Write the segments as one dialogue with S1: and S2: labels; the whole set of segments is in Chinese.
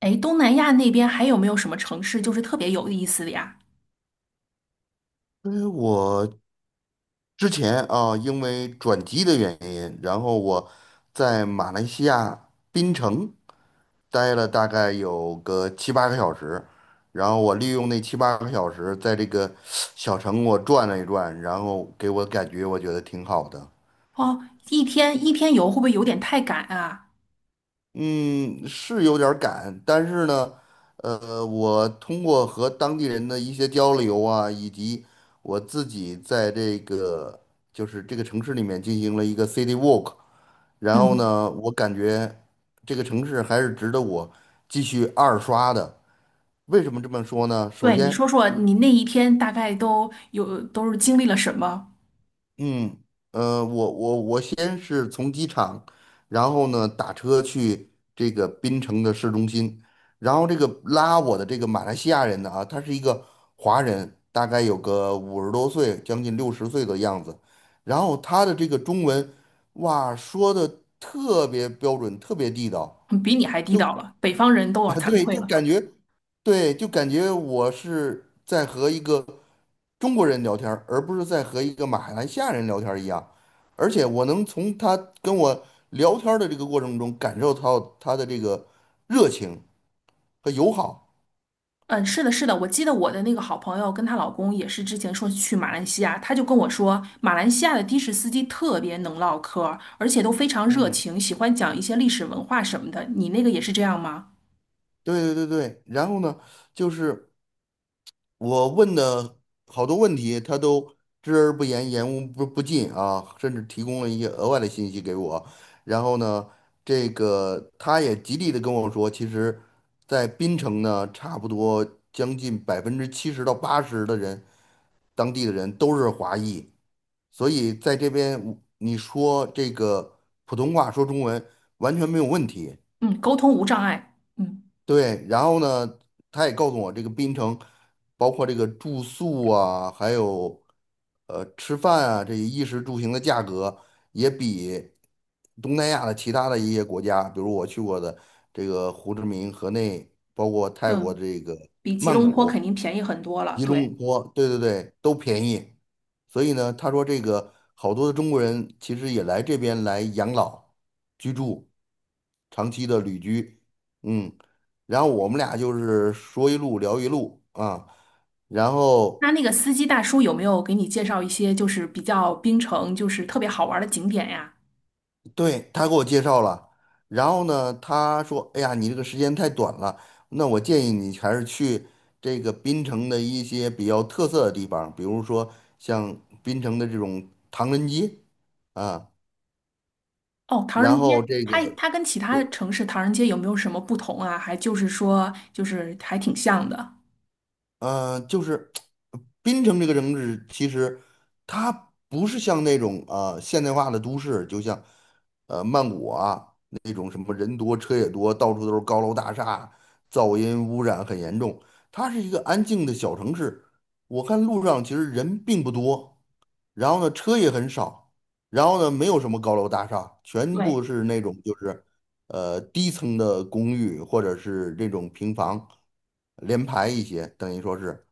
S1: 哎，东南亚那边还有没有什么城市就是特别有意思的呀？
S2: 因为我之前啊，因为转机的原因，然后我在马来西亚槟城待了大概有个七八个小时，然后我利用那七八个小时，在这个小城我转了一转，然后给我感觉我觉得挺好的。
S1: 哦，一天一天游会不会有点太赶啊？
S2: 嗯，是有点儿赶，但是呢，我通过和当地人的一些交流啊，以及我自己在这个这个城市里面进行了一个 city walk。然后
S1: 嗯，
S2: 呢，我感觉这个城市还是值得我继续二刷的。为什么这么说呢？首
S1: 对，你
S2: 先，
S1: 说说你那一天大概都是经历了什么？
S2: 嗯，我先是从机场，然后呢打车去这个槟城的市中心，然后这个拉我的这个马来西亚人呢啊，他是一个华人，大概有个50多岁，将近60岁的样子，然后他的这个中文，哇，说的特别标准，特别地道。
S1: 嗯比你还地
S2: 就。
S1: 道了，北方人都要 惭
S2: 对，
S1: 愧
S2: 就
S1: 了。
S2: 感觉，对，就感觉我是在和一个中国人聊天儿而不是在和一个马来西亚人聊天儿一样。而且我能从他跟我聊天儿的这个过程中感受到他的这个热情和友好。
S1: 嗯，是的，是的，我记得我的那个好朋友跟她老公也是之前说去马来西亚，她就跟我说，马来西亚的士司机特别能唠嗑儿而且都非常热
S2: 嗯，
S1: 情，喜欢讲一些历史文化什么的。你那个也是这样吗？
S2: 对对对对。然后呢，就是。我问的好多问题，他都知而不言，言无不尽啊，甚至提供了一些额外的信息给我。然后呢，这个他也极力的跟我说，其实，在槟城呢，差不多将近70%到80%的人，当地的人都是华裔，所以在这边你说这个普通话说中文完全没有问题。
S1: 嗯，沟通无障碍。嗯
S2: 对，然后呢，他也告诉我这个槟城，包括这个住宿啊，还有吃饭啊，这些衣食住行的价格也比东南亚的其他的一些国家，比如我去过的这个胡志明、河内，包括泰国
S1: 嗯。
S2: 这个
S1: 比吉
S2: 曼
S1: 隆坡肯
S2: 谷、
S1: 定便宜很多了。
S2: 吉
S1: 对，
S2: 隆坡，对对对，都便宜。所以呢，他说这个好多的中国人其实也来这边来养老、居住、长期的旅居，嗯。然后我们俩就是说一路聊一路啊，然后
S1: 那个司机大叔有没有给你介绍一些就是比较槟城就是特别好玩的景点呀？
S2: 对他给我介绍了，然后呢，他说：“哎呀，你这个时间太短了，那我建议你还是去这个槟城的一些比较特色的地方，比如说像槟城的这种唐人街啊，
S1: 哦，唐
S2: 然
S1: 人街，
S2: 后这个。”
S1: 它跟其他城市唐人街有没有什么不同啊？还就是说就是还挺像的。
S2: 就是槟城这个城市，其实它不是像那种现代化的都市，就像曼谷啊那种什么人多车也多，到处都是高楼大厦，噪音污染很严重。它是一个安静的小城市，我看路上其实人并不多，然后呢车也很少，然后呢没有什么高楼大厦，全
S1: 对
S2: 部是那种就是。低层的公寓或者是这种平房，连排一些，等于说是，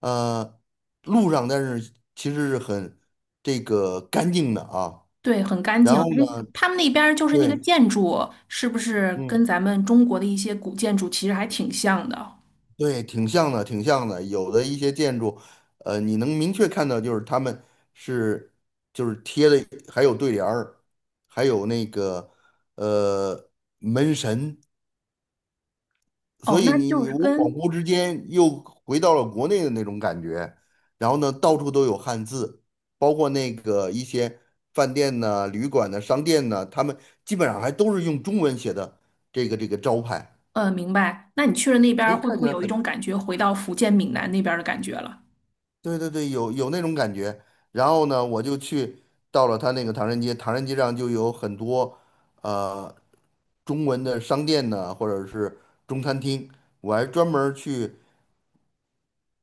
S2: 呃，路上但是其实是很这个干净的啊。
S1: 对，很干
S2: 然
S1: 净。
S2: 后
S1: 哎，
S2: 呢，
S1: 他们那边儿就是那个
S2: 对，
S1: 建筑，是不是跟
S2: 嗯，
S1: 咱们中国的一些古建筑其实还挺像的？
S2: 对，挺像的，挺像的。有的一些建筑，你能明确看到就是他们是就是贴的，还有对联儿，还有那个呃门神。所
S1: 哦，
S2: 以
S1: 那
S2: 你
S1: 就
S2: 你
S1: 是
S2: 我恍
S1: 跟，
S2: 惚之间又回到了国内的那种感觉，然后呢，到处都有汉字，包括那个一些饭店呢、旅馆呢、商店呢，他们基本上还都是用中文写的这个招牌，
S1: 呃，明白。那你去了那边
S2: 所
S1: 儿，
S2: 以
S1: 会不
S2: 看起
S1: 会
S2: 来
S1: 有一
S2: 很，
S1: 种感觉回到福建闽南那边儿的感觉了？
S2: 对对对，有有那种感觉。然后呢，我就去到了他那个唐人街，唐人街上就有很多呃中文的商店呢，或者是中餐厅，我还专门儿去。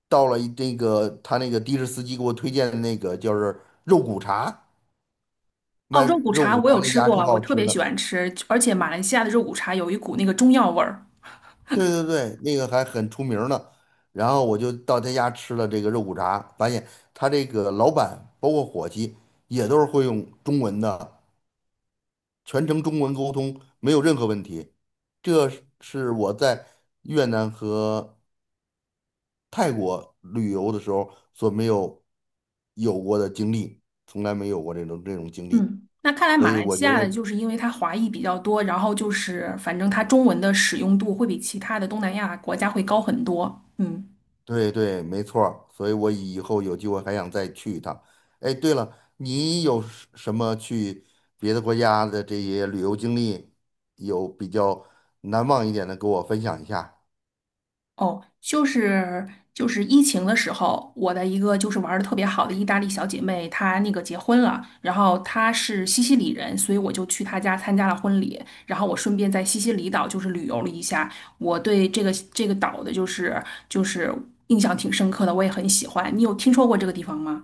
S2: 到了一那个他那个的士司机给我推荐的那个，就是肉骨茶，
S1: 哦，
S2: 卖
S1: 肉骨
S2: 肉
S1: 茶
S2: 骨
S1: 我
S2: 茶
S1: 有
S2: 那
S1: 吃
S2: 家挺
S1: 过，我
S2: 好
S1: 特
S2: 吃
S1: 别喜
S2: 的。
S1: 欢吃，而且马来西亚的肉骨茶有一股那个中药味儿。
S2: 对对对，那个还很出名儿呢。然后我就到他家吃了这个肉骨茶，发现他这个老板包括伙计也都是会用中文的，全程中文沟通，没有任何问题。这是我在越南和泰国旅游的时候所没有过的经历，从来没有过这种经历。
S1: 嗯，那看来
S2: 所
S1: 马
S2: 以
S1: 来
S2: 我觉
S1: 西亚的
S2: 得
S1: 就是因为它华裔比较多，然后就是反正它中文的使用度会比其他的东南亚国家会高很多。嗯，
S2: 对对，没错儿。所以我以后有机会还想再去一趟。哎，对了，你有什么去别的国家的这些旅游经历，有比较难忘一点的，给我分享一下？
S1: 哦，就是疫情的时候，我的一个就是玩的特别好的意大利小姐妹，她那个结婚了，然后她是西西里人，所以我就去她家参加了婚礼，然后我顺便在西西里岛就是旅游了一下，我对这个岛的就是印象挺深刻的，我也很喜欢。你有听说过这个地方吗？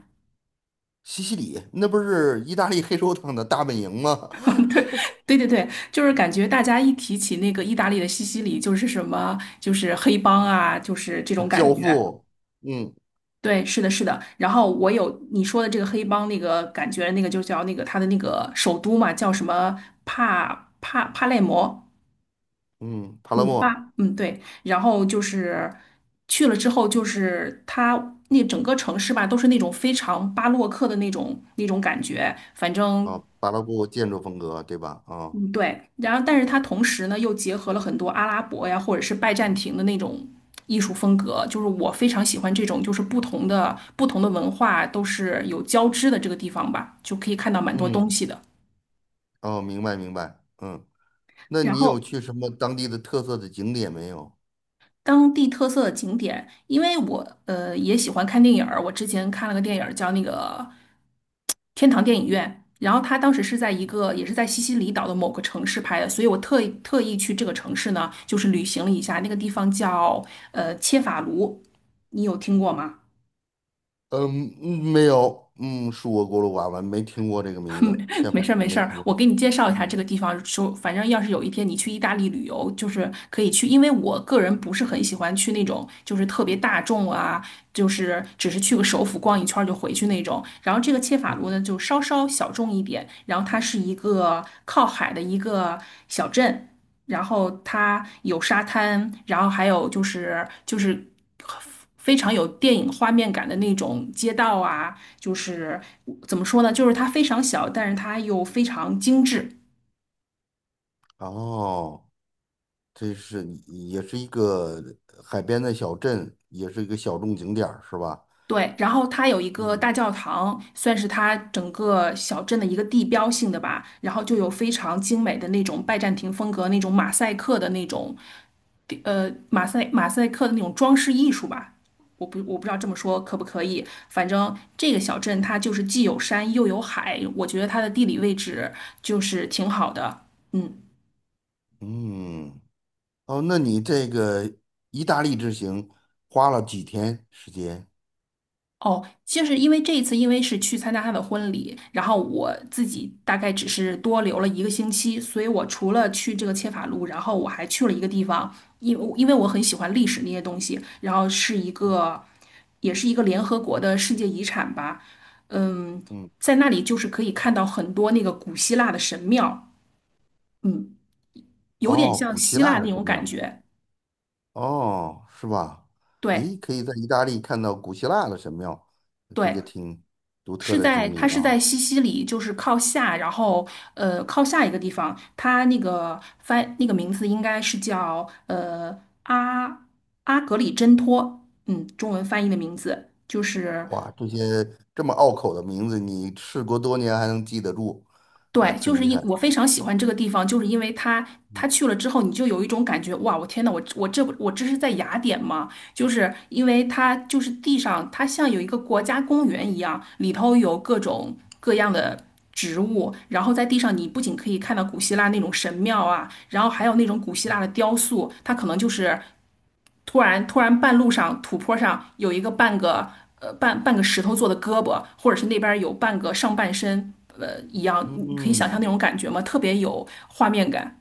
S2: 西西里那不是意大利黑手党的大本营吗？
S1: 对对对，就是感觉大家一提起那个意大利的西西里，就是什么就是黑帮啊，就是这种 感
S2: 教
S1: 觉。
S2: 父，嗯
S1: 对，是的，是的。然后我有你说的这个黑帮那个感觉，那个就叫那个他的那个首都嘛，叫什么帕累摩，
S2: 嗯，帕拉
S1: 嗯，
S2: 莫
S1: 巴，嗯，对。然后就是去了之后，就是他那整个城市吧，都是那种非常巴洛克的那种感觉，反正
S2: 啊，巴洛布建筑风格对吧？啊，
S1: 嗯，对，然后但是它同时呢又结合了很多阿拉伯呀，或者是拜占庭的那种艺术风格，就是我非常喜欢这种，就是不同的文化都是有交织的这个地方吧，就可以看到蛮多东
S2: 嗯，
S1: 西的。
S2: 哦，明白明白，嗯，那
S1: 然
S2: 你有
S1: 后
S2: 去什么当地的特色的景点没有？
S1: 当地特色的景点，因为我也喜欢看电影儿，我之前看了个电影儿叫那个。天堂电影院，然后他当时是在一个也是在西西里岛的某个城市拍的，所以我特意去这个城市呢，就是旅行了一下，那个地方叫切法卢，你有听过吗？
S2: 嗯，嗯没有，嗯，恕我过路寡闻，没听过这个名字，切
S1: 没
S2: 法
S1: 事儿
S2: 我
S1: 没
S2: 没
S1: 事儿，
S2: 听
S1: 我
S2: 过。
S1: 给你介绍一下这
S2: 嗯，
S1: 个地方。说，反正要是有一天你去意大利旅游，就是可以去，因为我个人不是很喜欢去那种就是特别大众啊，就是只是去个首府逛一圈儿就回去那种。然后这个切法卢呢，就稍稍小众一点，然后它是一个靠海的一个小镇，然后它有沙滩，然后还有就是。非常有电影画面感的那种街道啊，就是怎么说呢？就是它非常小，但是它又非常精致。
S2: 哦，这是也是一个海边的小镇，也是一个小众景点儿，是吧？
S1: 对，然后它有一个
S2: 嗯
S1: 大教堂，算是它整个小镇的一个地标性的吧。然后就有非常精美的那种拜占庭风格、那种马赛克的那种，呃，马赛克的那种装饰艺术吧。我不知道这么说可不可以，反正这个小镇它就是既有山又有海，我觉得它的地理位置就是挺好的。嗯。
S2: 嗯，哦，那你这个意大利之行花了几天时间？
S1: 哦，就是因为这一次，因为是去参加他的婚礼，然后我自己大概只是多留了一个星期，所以我除了去这个切法路，然后我还去了一个地方，因为我很喜欢历史那些东西，然后是一
S2: 嗯，
S1: 个，也是一个联合国的世界遗产吧，嗯，
S2: 嗯
S1: 在那里就是可以看到很多那个古希腊的神庙，嗯，有点
S2: 哦，
S1: 像
S2: 古希
S1: 希
S2: 腊
S1: 腊
S2: 的
S1: 那
S2: 神
S1: 种感
S2: 庙，
S1: 觉，
S2: 哦，是吧？
S1: 对
S2: 诶，可以在意大利看到古希腊的神庙，这
S1: 对。
S2: 个挺独特
S1: 是
S2: 的
S1: 在
S2: 经历
S1: 它是
S2: 啊。
S1: 在西西里，就是靠下，然后靠下一个地方，它那个翻那个名字应该是叫阿阿格里真托，嗯，中文翻译的名字就是
S2: 哇，这些这么拗口的名字，你事隔多年还能记得住，啊，
S1: 对，
S2: 挺
S1: 就是
S2: 厉
S1: 因
S2: 害。
S1: 我非常喜欢这个地方，就是因为它，它去了之后，你就有一种感觉，哇，我天呐，我这是在雅典吗？就是因为它就是地上，它像有一个国家公园一样，里头有各种各样的植物，然后在地上你不仅可以看到古希腊那种神庙啊，然后还有那种古希腊的雕塑，它可能就是突然半路上土坡上有一个半个半个石头做的胳膊，或者是那边有半个上半身一样，你可以想象那
S2: 嗯，
S1: 种感觉吗？特别有画面感。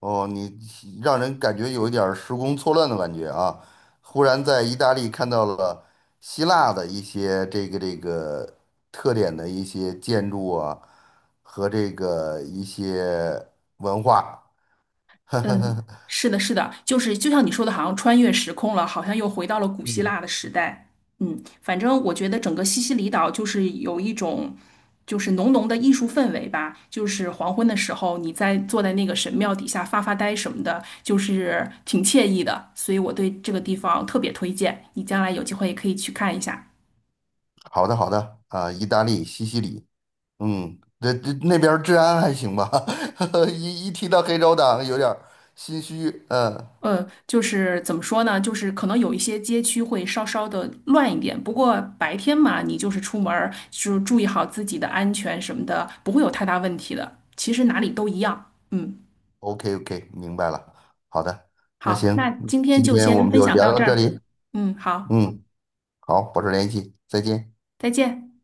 S2: 哦，你让人感觉有一点儿时空错乱的感觉啊！忽然在意大利看到了希腊的一些这个特点的一些建筑啊，和这个一些文化。
S1: 嗯，是的，是的，就是就像你说的，好像穿越时空了，好像又回到了古希
S2: 嗯，
S1: 腊的时代。嗯，反正我觉得整个西西里岛就是有一种，就是浓浓的艺术氛围吧。就是黄昏的时候，你在坐在那个神庙底下发发呆什么的，就是挺惬意的。所以我对这个地方特别推荐，你将来有机会也可以去看一下。
S2: 好的好的，啊，意大利西西里。嗯，这那边儿治安还行吧？一提到黑手党，有点儿心虚。嗯
S1: 呃，就是怎么说呢？就是可能有一些街区会稍稍的乱一点，不过白天嘛，你就是出门儿，就是注意好自己的安全什么的，不会有太大问题的。其实哪里都一样。嗯，
S2: ，OK OK，明白了。好的，那
S1: 好，那
S2: 行，
S1: 今天
S2: 今
S1: 就
S2: 天我
S1: 先
S2: 们
S1: 分
S2: 就
S1: 享到
S2: 聊到
S1: 这
S2: 这
S1: 儿。
S2: 里。
S1: 嗯，好，
S2: 嗯，好，保持联系，再见。
S1: 再见。